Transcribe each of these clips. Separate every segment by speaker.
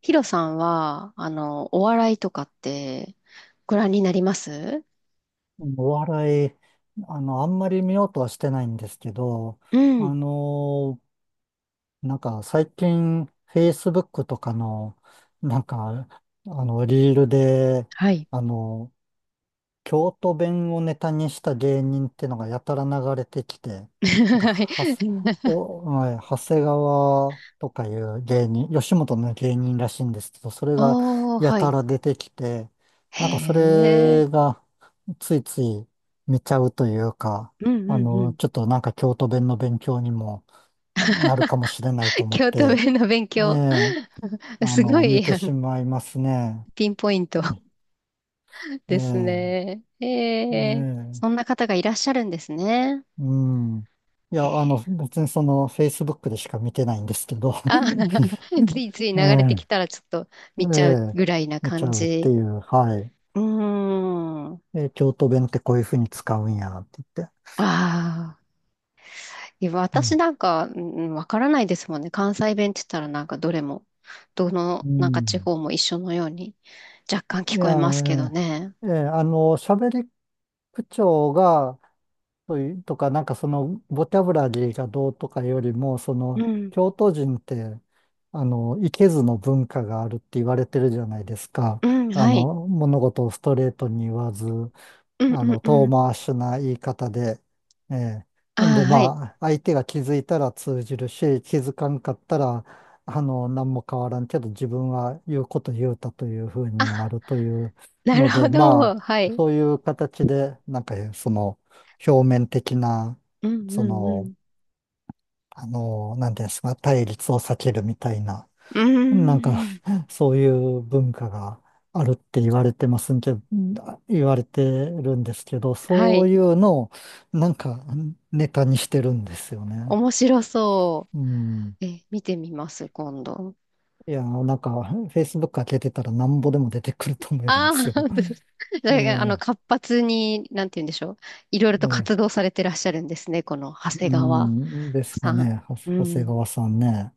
Speaker 1: ヒロさんは、お笑いとかってご覧になります？
Speaker 2: お笑い、あんまり見ようとはしてないんですけど、
Speaker 1: う
Speaker 2: あ
Speaker 1: ん。
Speaker 2: のーなんか最近、Facebook とかの、なんか、リールで、
Speaker 1: はい。
Speaker 2: あの、京都弁をネタにした芸人ってのがやたら流れてきて、な んか、
Speaker 1: は
Speaker 2: は
Speaker 1: い
Speaker 2: す、お、はい、長谷川とかいう芸人、吉本の芸人らしいんですけど、それが
Speaker 1: お ー、
Speaker 2: や
Speaker 1: は
Speaker 2: た
Speaker 1: い。
Speaker 2: ら出てきて、
Speaker 1: へ
Speaker 2: なんかそ
Speaker 1: え。
Speaker 2: れがついつい見ちゃうというか、
Speaker 1: うんうんうん。
Speaker 2: ちょっとなんか京都弁の勉強にもなるかもしれないと 思っ
Speaker 1: 京都
Speaker 2: て、
Speaker 1: 弁の勉
Speaker 2: え
Speaker 1: 強。
Speaker 2: え、
Speaker 1: すご
Speaker 2: 見
Speaker 1: い、
Speaker 2: てしまいますね。
Speaker 1: ピンポイント
Speaker 2: ええ、
Speaker 1: ですね。へえ。
Speaker 2: ね
Speaker 1: そん
Speaker 2: え。
Speaker 1: な方がいらっしゃるんですね。
Speaker 2: うん。いや、
Speaker 1: へえ。
Speaker 2: 別にその、Facebook でしか見てないんですけど、
Speaker 1: あ、ついつい流
Speaker 2: え
Speaker 1: れてき
Speaker 2: え、
Speaker 1: たらちょっと
Speaker 2: え
Speaker 1: 見ちゃう
Speaker 2: え、
Speaker 1: ぐらいな
Speaker 2: 見ち
Speaker 1: 感
Speaker 2: ゃうって
Speaker 1: じ。
Speaker 2: いう、はい。
Speaker 1: うーん。あ
Speaker 2: え、京都弁ってこういうふうに使うんや、って言って。
Speaker 1: あ。いや、
Speaker 2: う
Speaker 1: 私
Speaker 2: ん。
Speaker 1: なんか、うん、わからないですもんね。関西弁って言ったらなんかどれも、どの
Speaker 2: う
Speaker 1: なんか地
Speaker 2: ん。
Speaker 1: 方も一緒のように若干
Speaker 2: い
Speaker 1: 聞こえ
Speaker 2: や、
Speaker 1: ますけどね。
Speaker 2: ええ、ええ、喋り口調が、というとか、なんかその、ボキャブラリーがどうとかよりも、そ
Speaker 1: う
Speaker 2: の、
Speaker 1: ん。
Speaker 2: 京都人って、いけずの文化があるって言われてるじゃないですか。
Speaker 1: うん、はい。
Speaker 2: 物事をストレートに言わず、
Speaker 1: うんうんう
Speaker 2: 遠
Speaker 1: ん。
Speaker 2: 回しな言い方で、ええ。
Speaker 1: あ
Speaker 2: ほんで、
Speaker 1: あ、はい。
Speaker 2: まあ、相手が気づいたら通じるし、気づかんかったら、何も変わらんけど、自分は言うこと言うたというふうにな
Speaker 1: あ、
Speaker 2: るという
Speaker 1: なる
Speaker 2: の
Speaker 1: ほ
Speaker 2: で、ま
Speaker 1: ど。は
Speaker 2: あ、
Speaker 1: い。
Speaker 2: そういう形で、表面的な、
Speaker 1: うん
Speaker 2: そ
Speaker 1: うんう
Speaker 2: の、
Speaker 1: ん。
Speaker 2: なんていうんですか、対立を避けるみたいな、
Speaker 1: う
Speaker 2: なんか、
Speaker 1: ーん。
Speaker 2: そういう文化があるって言われてるんですけど、
Speaker 1: は
Speaker 2: そう
Speaker 1: い。
Speaker 2: いうのを、なんか、ネタにしてるんですよね。
Speaker 1: 面白そ
Speaker 2: うん。
Speaker 1: う。え、見てみます、今度。
Speaker 2: いや、なんか、Facebook 開けてたらなんぼでも出てくると思い
Speaker 1: あ
Speaker 2: ます
Speaker 1: あ、
Speaker 2: よ。
Speaker 1: 本当です。だ
Speaker 2: え
Speaker 1: から
Speaker 2: え。
Speaker 1: 活発に、なんて言うんでしょう。いろいろと
Speaker 2: え
Speaker 1: 活動
Speaker 2: え。
Speaker 1: されてらっしゃるんですね、この長谷
Speaker 2: う
Speaker 1: 川。
Speaker 2: ん、です
Speaker 1: さ
Speaker 2: か
Speaker 1: ん。
Speaker 2: ね、は
Speaker 1: う
Speaker 2: 長谷
Speaker 1: ん。
Speaker 2: 川さんね。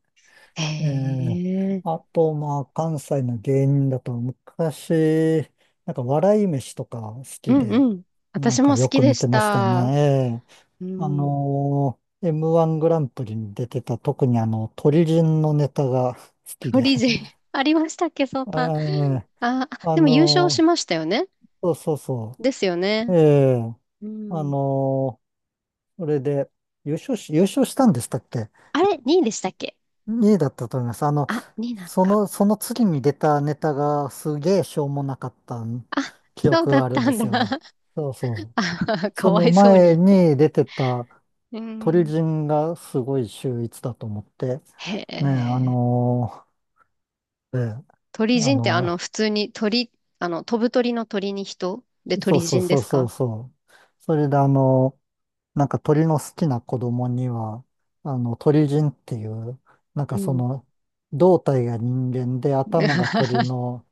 Speaker 2: え
Speaker 1: へ
Speaker 2: え。
Speaker 1: え。
Speaker 2: あと、まあ、関西の芸人だと、昔、なんか、笑い飯とか好
Speaker 1: う
Speaker 2: き
Speaker 1: ん
Speaker 2: で、
Speaker 1: うん。
Speaker 2: なん
Speaker 1: 私
Speaker 2: か
Speaker 1: も好
Speaker 2: よ
Speaker 1: き
Speaker 2: く
Speaker 1: で
Speaker 2: 見
Speaker 1: し
Speaker 2: てましたね。
Speaker 1: た。
Speaker 2: ええ。
Speaker 1: うん。
Speaker 2: M1 グランプリに出てた、特にあの、鳥人のネタが好き
Speaker 1: フ
Speaker 2: で。
Speaker 1: リージ ー ありましたっけ、そう
Speaker 2: え
Speaker 1: たん。
Speaker 2: え。
Speaker 1: あー、あ、
Speaker 2: あ
Speaker 1: でも優勝し
Speaker 2: のー
Speaker 1: ましたよね。
Speaker 2: そうそうそ
Speaker 1: ですよ
Speaker 2: う。
Speaker 1: ね。
Speaker 2: ええ。
Speaker 1: う
Speaker 2: あ
Speaker 1: ん。
Speaker 2: のーそれで、優勝し、優勝したんでしたっけ。
Speaker 1: あれ、2位でしたっけ？
Speaker 2: 2位いだったと思います。
Speaker 1: あ、2位なのか。
Speaker 2: その次に出たネタがすげえしょうもなかった
Speaker 1: あ、
Speaker 2: 記
Speaker 1: そう
Speaker 2: 憶
Speaker 1: だっ
Speaker 2: があるん
Speaker 1: た
Speaker 2: で
Speaker 1: ん
Speaker 2: す
Speaker 1: だ。
Speaker 2: よ。そうそ う。
Speaker 1: あ、か
Speaker 2: そ
Speaker 1: わ
Speaker 2: の
Speaker 1: いそう
Speaker 2: 前
Speaker 1: に。
Speaker 2: に出てた
Speaker 1: う
Speaker 2: 鳥
Speaker 1: ん。
Speaker 2: 人がすごい秀逸だと思って、
Speaker 1: へ
Speaker 2: ね、
Speaker 1: え。
Speaker 2: ー、ええ
Speaker 1: 鳥
Speaker 2: あ
Speaker 1: 人って
Speaker 2: の
Speaker 1: 普通に鳥、飛ぶ鳥の鳥に人で
Speaker 2: そ
Speaker 1: 鳥
Speaker 2: うそう
Speaker 1: 人で
Speaker 2: そう
Speaker 1: す
Speaker 2: そう
Speaker 1: か？
Speaker 2: そう。それでなんか鳥の好きな子供には、鳥人っていう、なん
Speaker 1: う
Speaker 2: かそ
Speaker 1: ん。
Speaker 2: の、胴体が人間で頭が鳥 の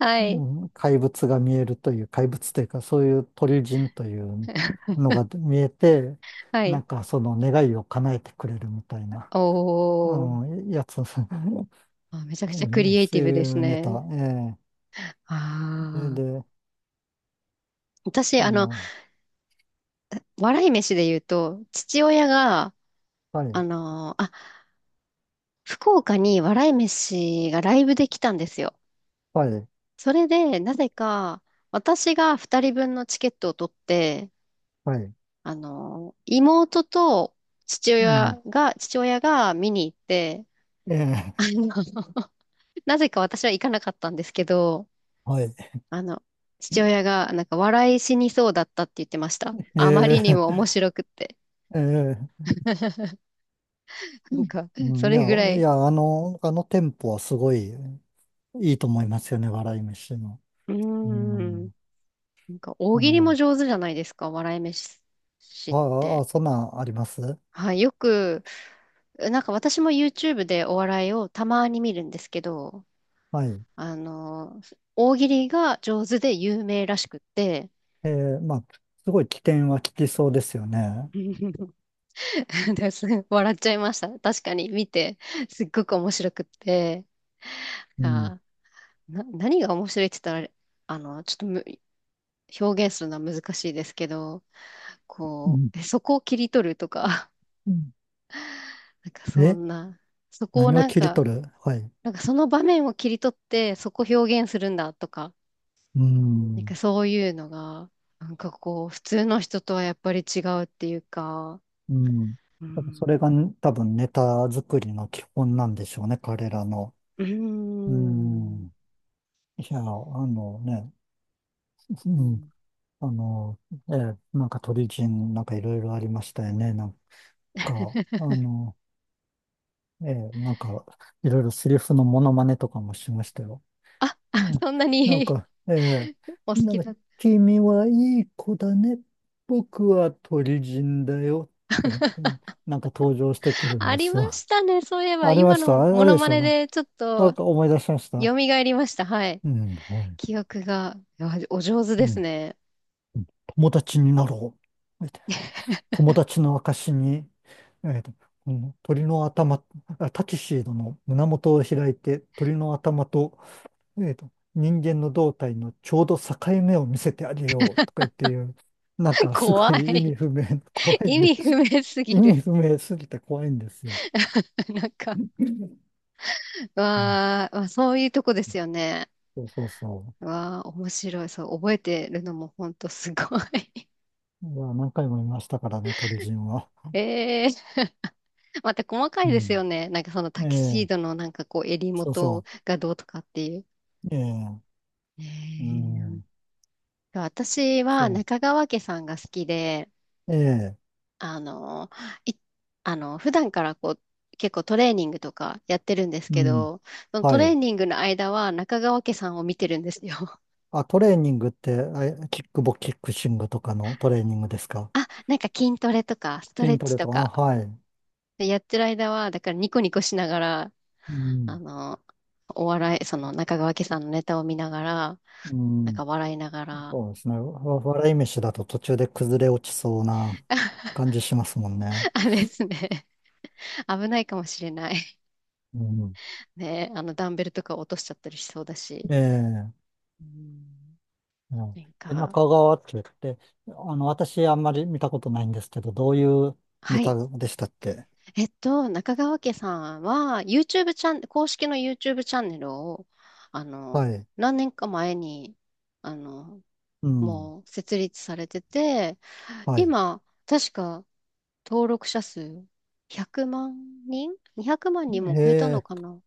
Speaker 1: は
Speaker 2: う
Speaker 1: い。
Speaker 2: 怪物が見えるという、怪物というか、そういう鳥人というのが見えて、
Speaker 1: は
Speaker 2: なん
Speaker 1: い。
Speaker 2: かその願いを叶えてくれるみたいな、
Speaker 1: おー。
Speaker 2: うん、やつ、うん。
Speaker 1: あ、めちゃ
Speaker 2: そ
Speaker 1: くちゃクリエイテ
Speaker 2: う
Speaker 1: ィブ
Speaker 2: い
Speaker 1: です
Speaker 2: うネタ、
Speaker 1: ね。
Speaker 2: ええ。
Speaker 1: あ
Speaker 2: それ
Speaker 1: あ。
Speaker 2: で、
Speaker 1: 私、
Speaker 2: あの、
Speaker 1: 笑い飯で言うと、父親が、
Speaker 2: は
Speaker 1: あ
Speaker 2: い、
Speaker 1: の、あ、福岡に笑い飯がライブで来たんですよ。
Speaker 2: はい、
Speaker 1: それで、なぜか、私が2人分のチケットを取って、
Speaker 2: はい、
Speaker 1: 妹と父
Speaker 2: うん、
Speaker 1: 親が、父親が見に行って、あ
Speaker 2: ええ、
Speaker 1: の、なぜか私は行かなかったんですけど、
Speaker 2: はい、
Speaker 1: あの、父親が、なんか、笑い死にそうだったって言ってました。あま
Speaker 2: え
Speaker 1: りに
Speaker 2: え、
Speaker 1: も面白くって。
Speaker 2: ええ、
Speaker 1: なんか、
Speaker 2: う
Speaker 1: そ
Speaker 2: ん。い
Speaker 1: れ
Speaker 2: や、
Speaker 1: ぐら
Speaker 2: い
Speaker 1: い。
Speaker 2: や、あのテンポはすごいいいと思いますよね、笑い飯の。
Speaker 1: うー
Speaker 2: う
Speaker 1: ん。
Speaker 2: ん、
Speaker 1: なんか、大
Speaker 2: あ
Speaker 1: 喜利も
Speaker 2: の、
Speaker 1: 上手じゃないですか、笑い飯っ
Speaker 2: あ
Speaker 1: て。
Speaker 2: あ、そんなんあります。
Speaker 1: はい、よく、なんか私も YouTube でお笑いをたまに見るんですけど、
Speaker 2: はい。
Speaker 1: あの、大喜利が上手で有名らしくって、
Speaker 2: えー、まあ、すごい危険は効きそうですよね。
Speaker 1: です笑っちゃいました。確かに見て、すっごく面白くって。
Speaker 2: うん。
Speaker 1: あー、何が面白いって言ったら、ちょっと表現するのは難しいですけど、
Speaker 2: う
Speaker 1: こ
Speaker 2: ん。
Speaker 1: う、そこを切り取るとか、
Speaker 2: うん。
Speaker 1: なんかそ
Speaker 2: え、
Speaker 1: んな、そこを
Speaker 2: 何を
Speaker 1: なん
Speaker 2: 切り
Speaker 1: か、
Speaker 2: 取る。はい。
Speaker 1: なんかその場面を切り取ってそこを表現するんだとか、
Speaker 2: う
Speaker 1: なんか
Speaker 2: ん。
Speaker 1: そういうのが、なんかこう、普通の人とはやっぱり違うっていうか、
Speaker 2: うん。
Speaker 1: う
Speaker 2: 多分そ
Speaker 1: ん、
Speaker 2: れが多分ネタ作りの基本なんでしょうね、彼らの。
Speaker 1: うー
Speaker 2: う
Speaker 1: ん、
Speaker 2: ん。いや、あのね、う
Speaker 1: う
Speaker 2: ん。
Speaker 1: ん、
Speaker 2: あの、なんか鳥人、なんかいろいろありましたよね。なんか、なんか、いろいろセリフのモノマネとかもしましたよ。
Speaker 1: あ、
Speaker 2: う ん。
Speaker 1: そんな
Speaker 2: なん
Speaker 1: に
Speaker 2: か、ええ。
Speaker 1: お好
Speaker 2: なん
Speaker 1: き
Speaker 2: か、
Speaker 1: だ。
Speaker 2: 君はいい子だね。僕は鳥人だよ。とか言って、なんか登場してくるん
Speaker 1: あ
Speaker 2: で
Speaker 1: り
Speaker 2: す
Speaker 1: ま
Speaker 2: よ。
Speaker 1: したね。そういえば、
Speaker 2: ありま
Speaker 1: 今
Speaker 2: した。
Speaker 1: の
Speaker 2: あれ、あ
Speaker 1: モ
Speaker 2: れ
Speaker 1: ノ
Speaker 2: でし
Speaker 1: マ
Speaker 2: ょ。
Speaker 1: ネ
Speaker 2: な
Speaker 1: でちょっと
Speaker 2: んか思い出しました。
Speaker 1: 蘇りました。はい。
Speaker 2: うん、はい。
Speaker 1: 記憶が、いやお上手
Speaker 2: う
Speaker 1: です
Speaker 2: ん。
Speaker 1: ね。
Speaker 2: 友達になろう。友達の証に、えっと、この鳥の頭、あ、タキシードの胸元を開いて、鳥の頭とねえーと、人間の胴体のちょうど境目を見せてあげようとか言っていう、なんかすご
Speaker 1: 怖
Speaker 2: い意
Speaker 1: い。
Speaker 2: 味不明、怖い
Speaker 1: 意
Speaker 2: んで、
Speaker 1: 味不明す ぎ
Speaker 2: 意
Speaker 1: る。
Speaker 2: 味不明すぎて怖いんですよ。
Speaker 1: なんか、
Speaker 2: うん、
Speaker 1: わー、まあ、そういうとこですよね。
Speaker 2: そうそうそ
Speaker 1: わー、面白い。そう、覚えてるのもほんとすごい。
Speaker 2: う。いや、何回も見ましたからね、鳥人は。
Speaker 1: えー、また細か
Speaker 2: う
Speaker 1: いです
Speaker 2: ん。
Speaker 1: よね。なんかそのタ
Speaker 2: え
Speaker 1: キシー
Speaker 2: え、
Speaker 1: ドのなんかこう襟
Speaker 2: そう
Speaker 1: 元
Speaker 2: そ
Speaker 1: がどうとかっていう。
Speaker 2: う。ええ、
Speaker 1: え
Speaker 2: う
Speaker 1: ー、
Speaker 2: ん、
Speaker 1: 私は
Speaker 2: そ
Speaker 1: 中川家さんが好きで、
Speaker 2: う。ええ、
Speaker 1: あの、い、あの、普段からこう、結構トレーニングとかやってるんです
Speaker 2: う
Speaker 1: け
Speaker 2: ん、
Speaker 1: ど、その
Speaker 2: は
Speaker 1: トレー
Speaker 2: い。
Speaker 1: ニングの間は中川家さんを見てるんですよ。
Speaker 2: あ、トレーニングって、あ、キックボキックシングとかのトレーニングですか。
Speaker 1: あ、なんか筋トレとかストレ
Speaker 2: 筋
Speaker 1: ッ
Speaker 2: ト
Speaker 1: チ
Speaker 2: レ
Speaker 1: と
Speaker 2: とか、あ、
Speaker 1: か
Speaker 2: はい。
Speaker 1: でやってる間は、だからニコニコしながら、
Speaker 2: うん、
Speaker 1: あの、お笑い、その中川家さんのネタを見ながら、
Speaker 2: う
Speaker 1: なん
Speaker 2: ん。
Speaker 1: か笑いながら、
Speaker 2: そうですね。わ、笑い飯だと途中で崩れ落ちそうな 感じしますもんね。
Speaker 1: あれですね、危ないかもしれない。
Speaker 2: うん。
Speaker 1: ね、ダンベルとか落としちゃったりしそうだし、
Speaker 2: ええ。
Speaker 1: うん、
Speaker 2: うん。
Speaker 1: なん
Speaker 2: え、
Speaker 1: か、
Speaker 2: 中川って言って、私あんまり見たことないんですけど、どういうネ
Speaker 1: は
Speaker 2: タ
Speaker 1: い。
Speaker 2: でしたっけ。
Speaker 1: 中川家さんは、YouTube チャン、公式の YouTube チャンネルを、あ
Speaker 2: は
Speaker 1: の、
Speaker 2: い。
Speaker 1: 何年か前に、あの、
Speaker 2: うん。
Speaker 1: もう設立されてて、
Speaker 2: はい。
Speaker 1: 今、確か登録者数100万人 ?200 万人も超えたの
Speaker 2: え
Speaker 1: か
Speaker 2: え。
Speaker 1: な。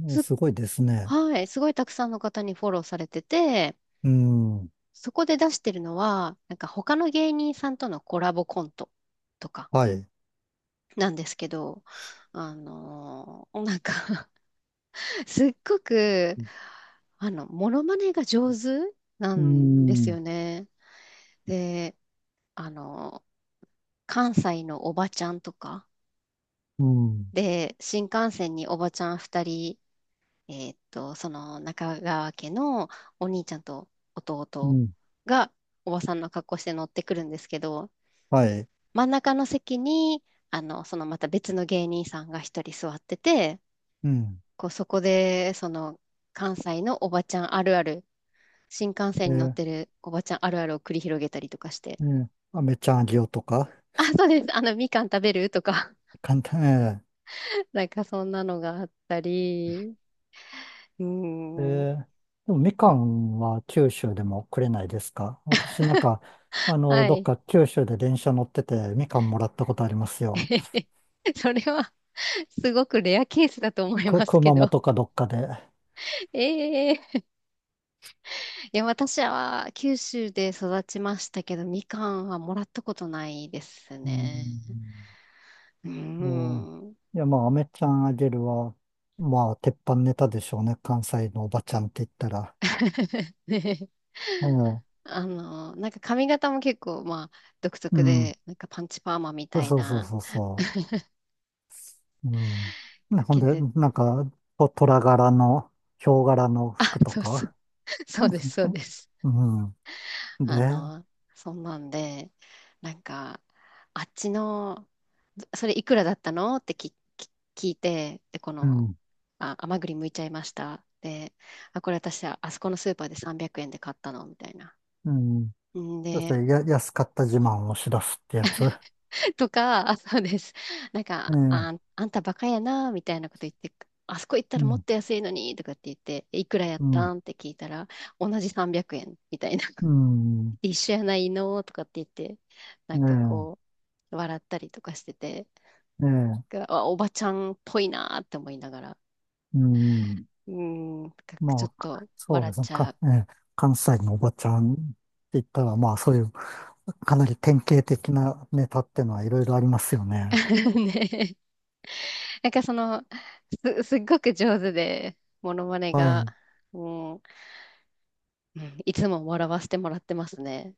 Speaker 2: うん、
Speaker 1: す、
Speaker 2: すごいですね。
Speaker 1: はい、すごいたくさんの方にフォローされてて、
Speaker 2: うん。
Speaker 1: そこで出してるのは、なんか他の芸人さんとのコラボコントとか
Speaker 2: はい。
Speaker 1: なんですけど、なんか すっごく、モノマネが上手な
Speaker 2: う
Speaker 1: んです
Speaker 2: ん。
Speaker 1: よね。で、あの、関西のおばちゃんとか、
Speaker 2: うん。
Speaker 1: で、新幹線におばちゃん2人、その中川家のお兄ちゃんと
Speaker 2: う
Speaker 1: 弟
Speaker 2: ん。
Speaker 1: がおばさんの格好して乗ってくるんですけど、
Speaker 2: はい。
Speaker 1: 真ん中の席に、そのまた別の芸人さんが1人座ってて、
Speaker 2: うん。
Speaker 1: こう、そこで、その関西のおばちゃんあるある、新幹線に乗っ
Speaker 2: え
Speaker 1: て
Speaker 2: え。
Speaker 1: るおばちゃんあるあるを繰り広げたりとかして。
Speaker 2: ええ。あめちゃんあげようとか、
Speaker 1: あ、そうです。みかん食べるとか。
Speaker 2: 簡単、ええ。
Speaker 1: なんかそんなのがあったり。う
Speaker 2: え
Speaker 1: ーん。
Speaker 2: ー、でもみかんは九州でもくれないですか。私なんか、
Speaker 1: は
Speaker 2: どっ
Speaker 1: い。
Speaker 2: か九州で電車乗っててみかんもらったことありますよ。
Speaker 1: それはすごくレアケースだと思い
Speaker 2: く、
Speaker 1: ますけ
Speaker 2: 熊
Speaker 1: ど。
Speaker 2: 本かどっかで。
Speaker 1: ええ、いや、私は九州で育ちましたけど、みかんはもらったことないです
Speaker 2: う
Speaker 1: ね。
Speaker 2: ん。
Speaker 1: うー
Speaker 2: うん。
Speaker 1: ん。
Speaker 2: いや、まあ、飴ちゃんあげるは、まあ、鉄板ネタでしょうね。関西のおばちゃんって言ったら。
Speaker 1: ね、
Speaker 2: ええ。
Speaker 1: なんか髪型も結構、まあ、独
Speaker 2: う
Speaker 1: 特
Speaker 2: ん。
Speaker 1: で、なんかパンチパーマみ
Speaker 2: そ
Speaker 1: た
Speaker 2: う
Speaker 1: い
Speaker 2: そう
Speaker 1: な、
Speaker 2: そうそう。うん。ね、
Speaker 1: か
Speaker 2: ほん
Speaker 1: け
Speaker 2: で、
Speaker 1: て、
Speaker 2: なんか、と虎柄の、ヒョウ柄の
Speaker 1: あ、
Speaker 2: 服と
Speaker 1: そうそう、
Speaker 2: か。う
Speaker 1: そうです、そうです。
Speaker 2: ん。うん。で、
Speaker 1: あの、そんなんで、なんか、あっちの、それいくらだったのって聞いて、で、こ
Speaker 2: う
Speaker 1: の、
Speaker 2: ん、
Speaker 1: あ、甘栗剥いちゃいました。で、あ、これ私、あそこのスーパーで300円で買ったの、みたいな。
Speaker 2: うん。
Speaker 1: ん
Speaker 2: そして
Speaker 1: で、
Speaker 2: や、安かった自慢をし出すってやつ。え
Speaker 1: とか、あ、そうです。なん
Speaker 2: え、う
Speaker 1: か、
Speaker 2: ん、
Speaker 1: あ、あんたバカやな、みたいなこと言って、あそこ行ったらもっと安いのに、とかって言って、いくらやっ
Speaker 2: う
Speaker 1: た
Speaker 2: ん、
Speaker 1: んって聞いたら、同じ300円、みたいな。
Speaker 2: う ん、
Speaker 1: 一緒やないの、とかって言って、なんかこ
Speaker 2: え
Speaker 1: う、笑ったりとかしてて、
Speaker 2: え、ええ、
Speaker 1: があ、おばちゃんっぽいなって思いながら、
Speaker 2: うん。
Speaker 1: うーん、なんかちょっ
Speaker 2: まあ、
Speaker 1: と
Speaker 2: そう
Speaker 1: 笑
Speaker 2: で
Speaker 1: っ
Speaker 2: すね。
Speaker 1: ちゃ
Speaker 2: か、
Speaker 1: う。
Speaker 2: ええ、関西のおばちゃんって言ったら、まあ、そういう、かなり典型的なネタってのはいろいろありますよね。
Speaker 1: ね。なんかその、すっごく上手で、モノマネ
Speaker 2: は
Speaker 1: が、
Speaker 2: い。
Speaker 1: うん、うん、いつも笑わせてもらってますね。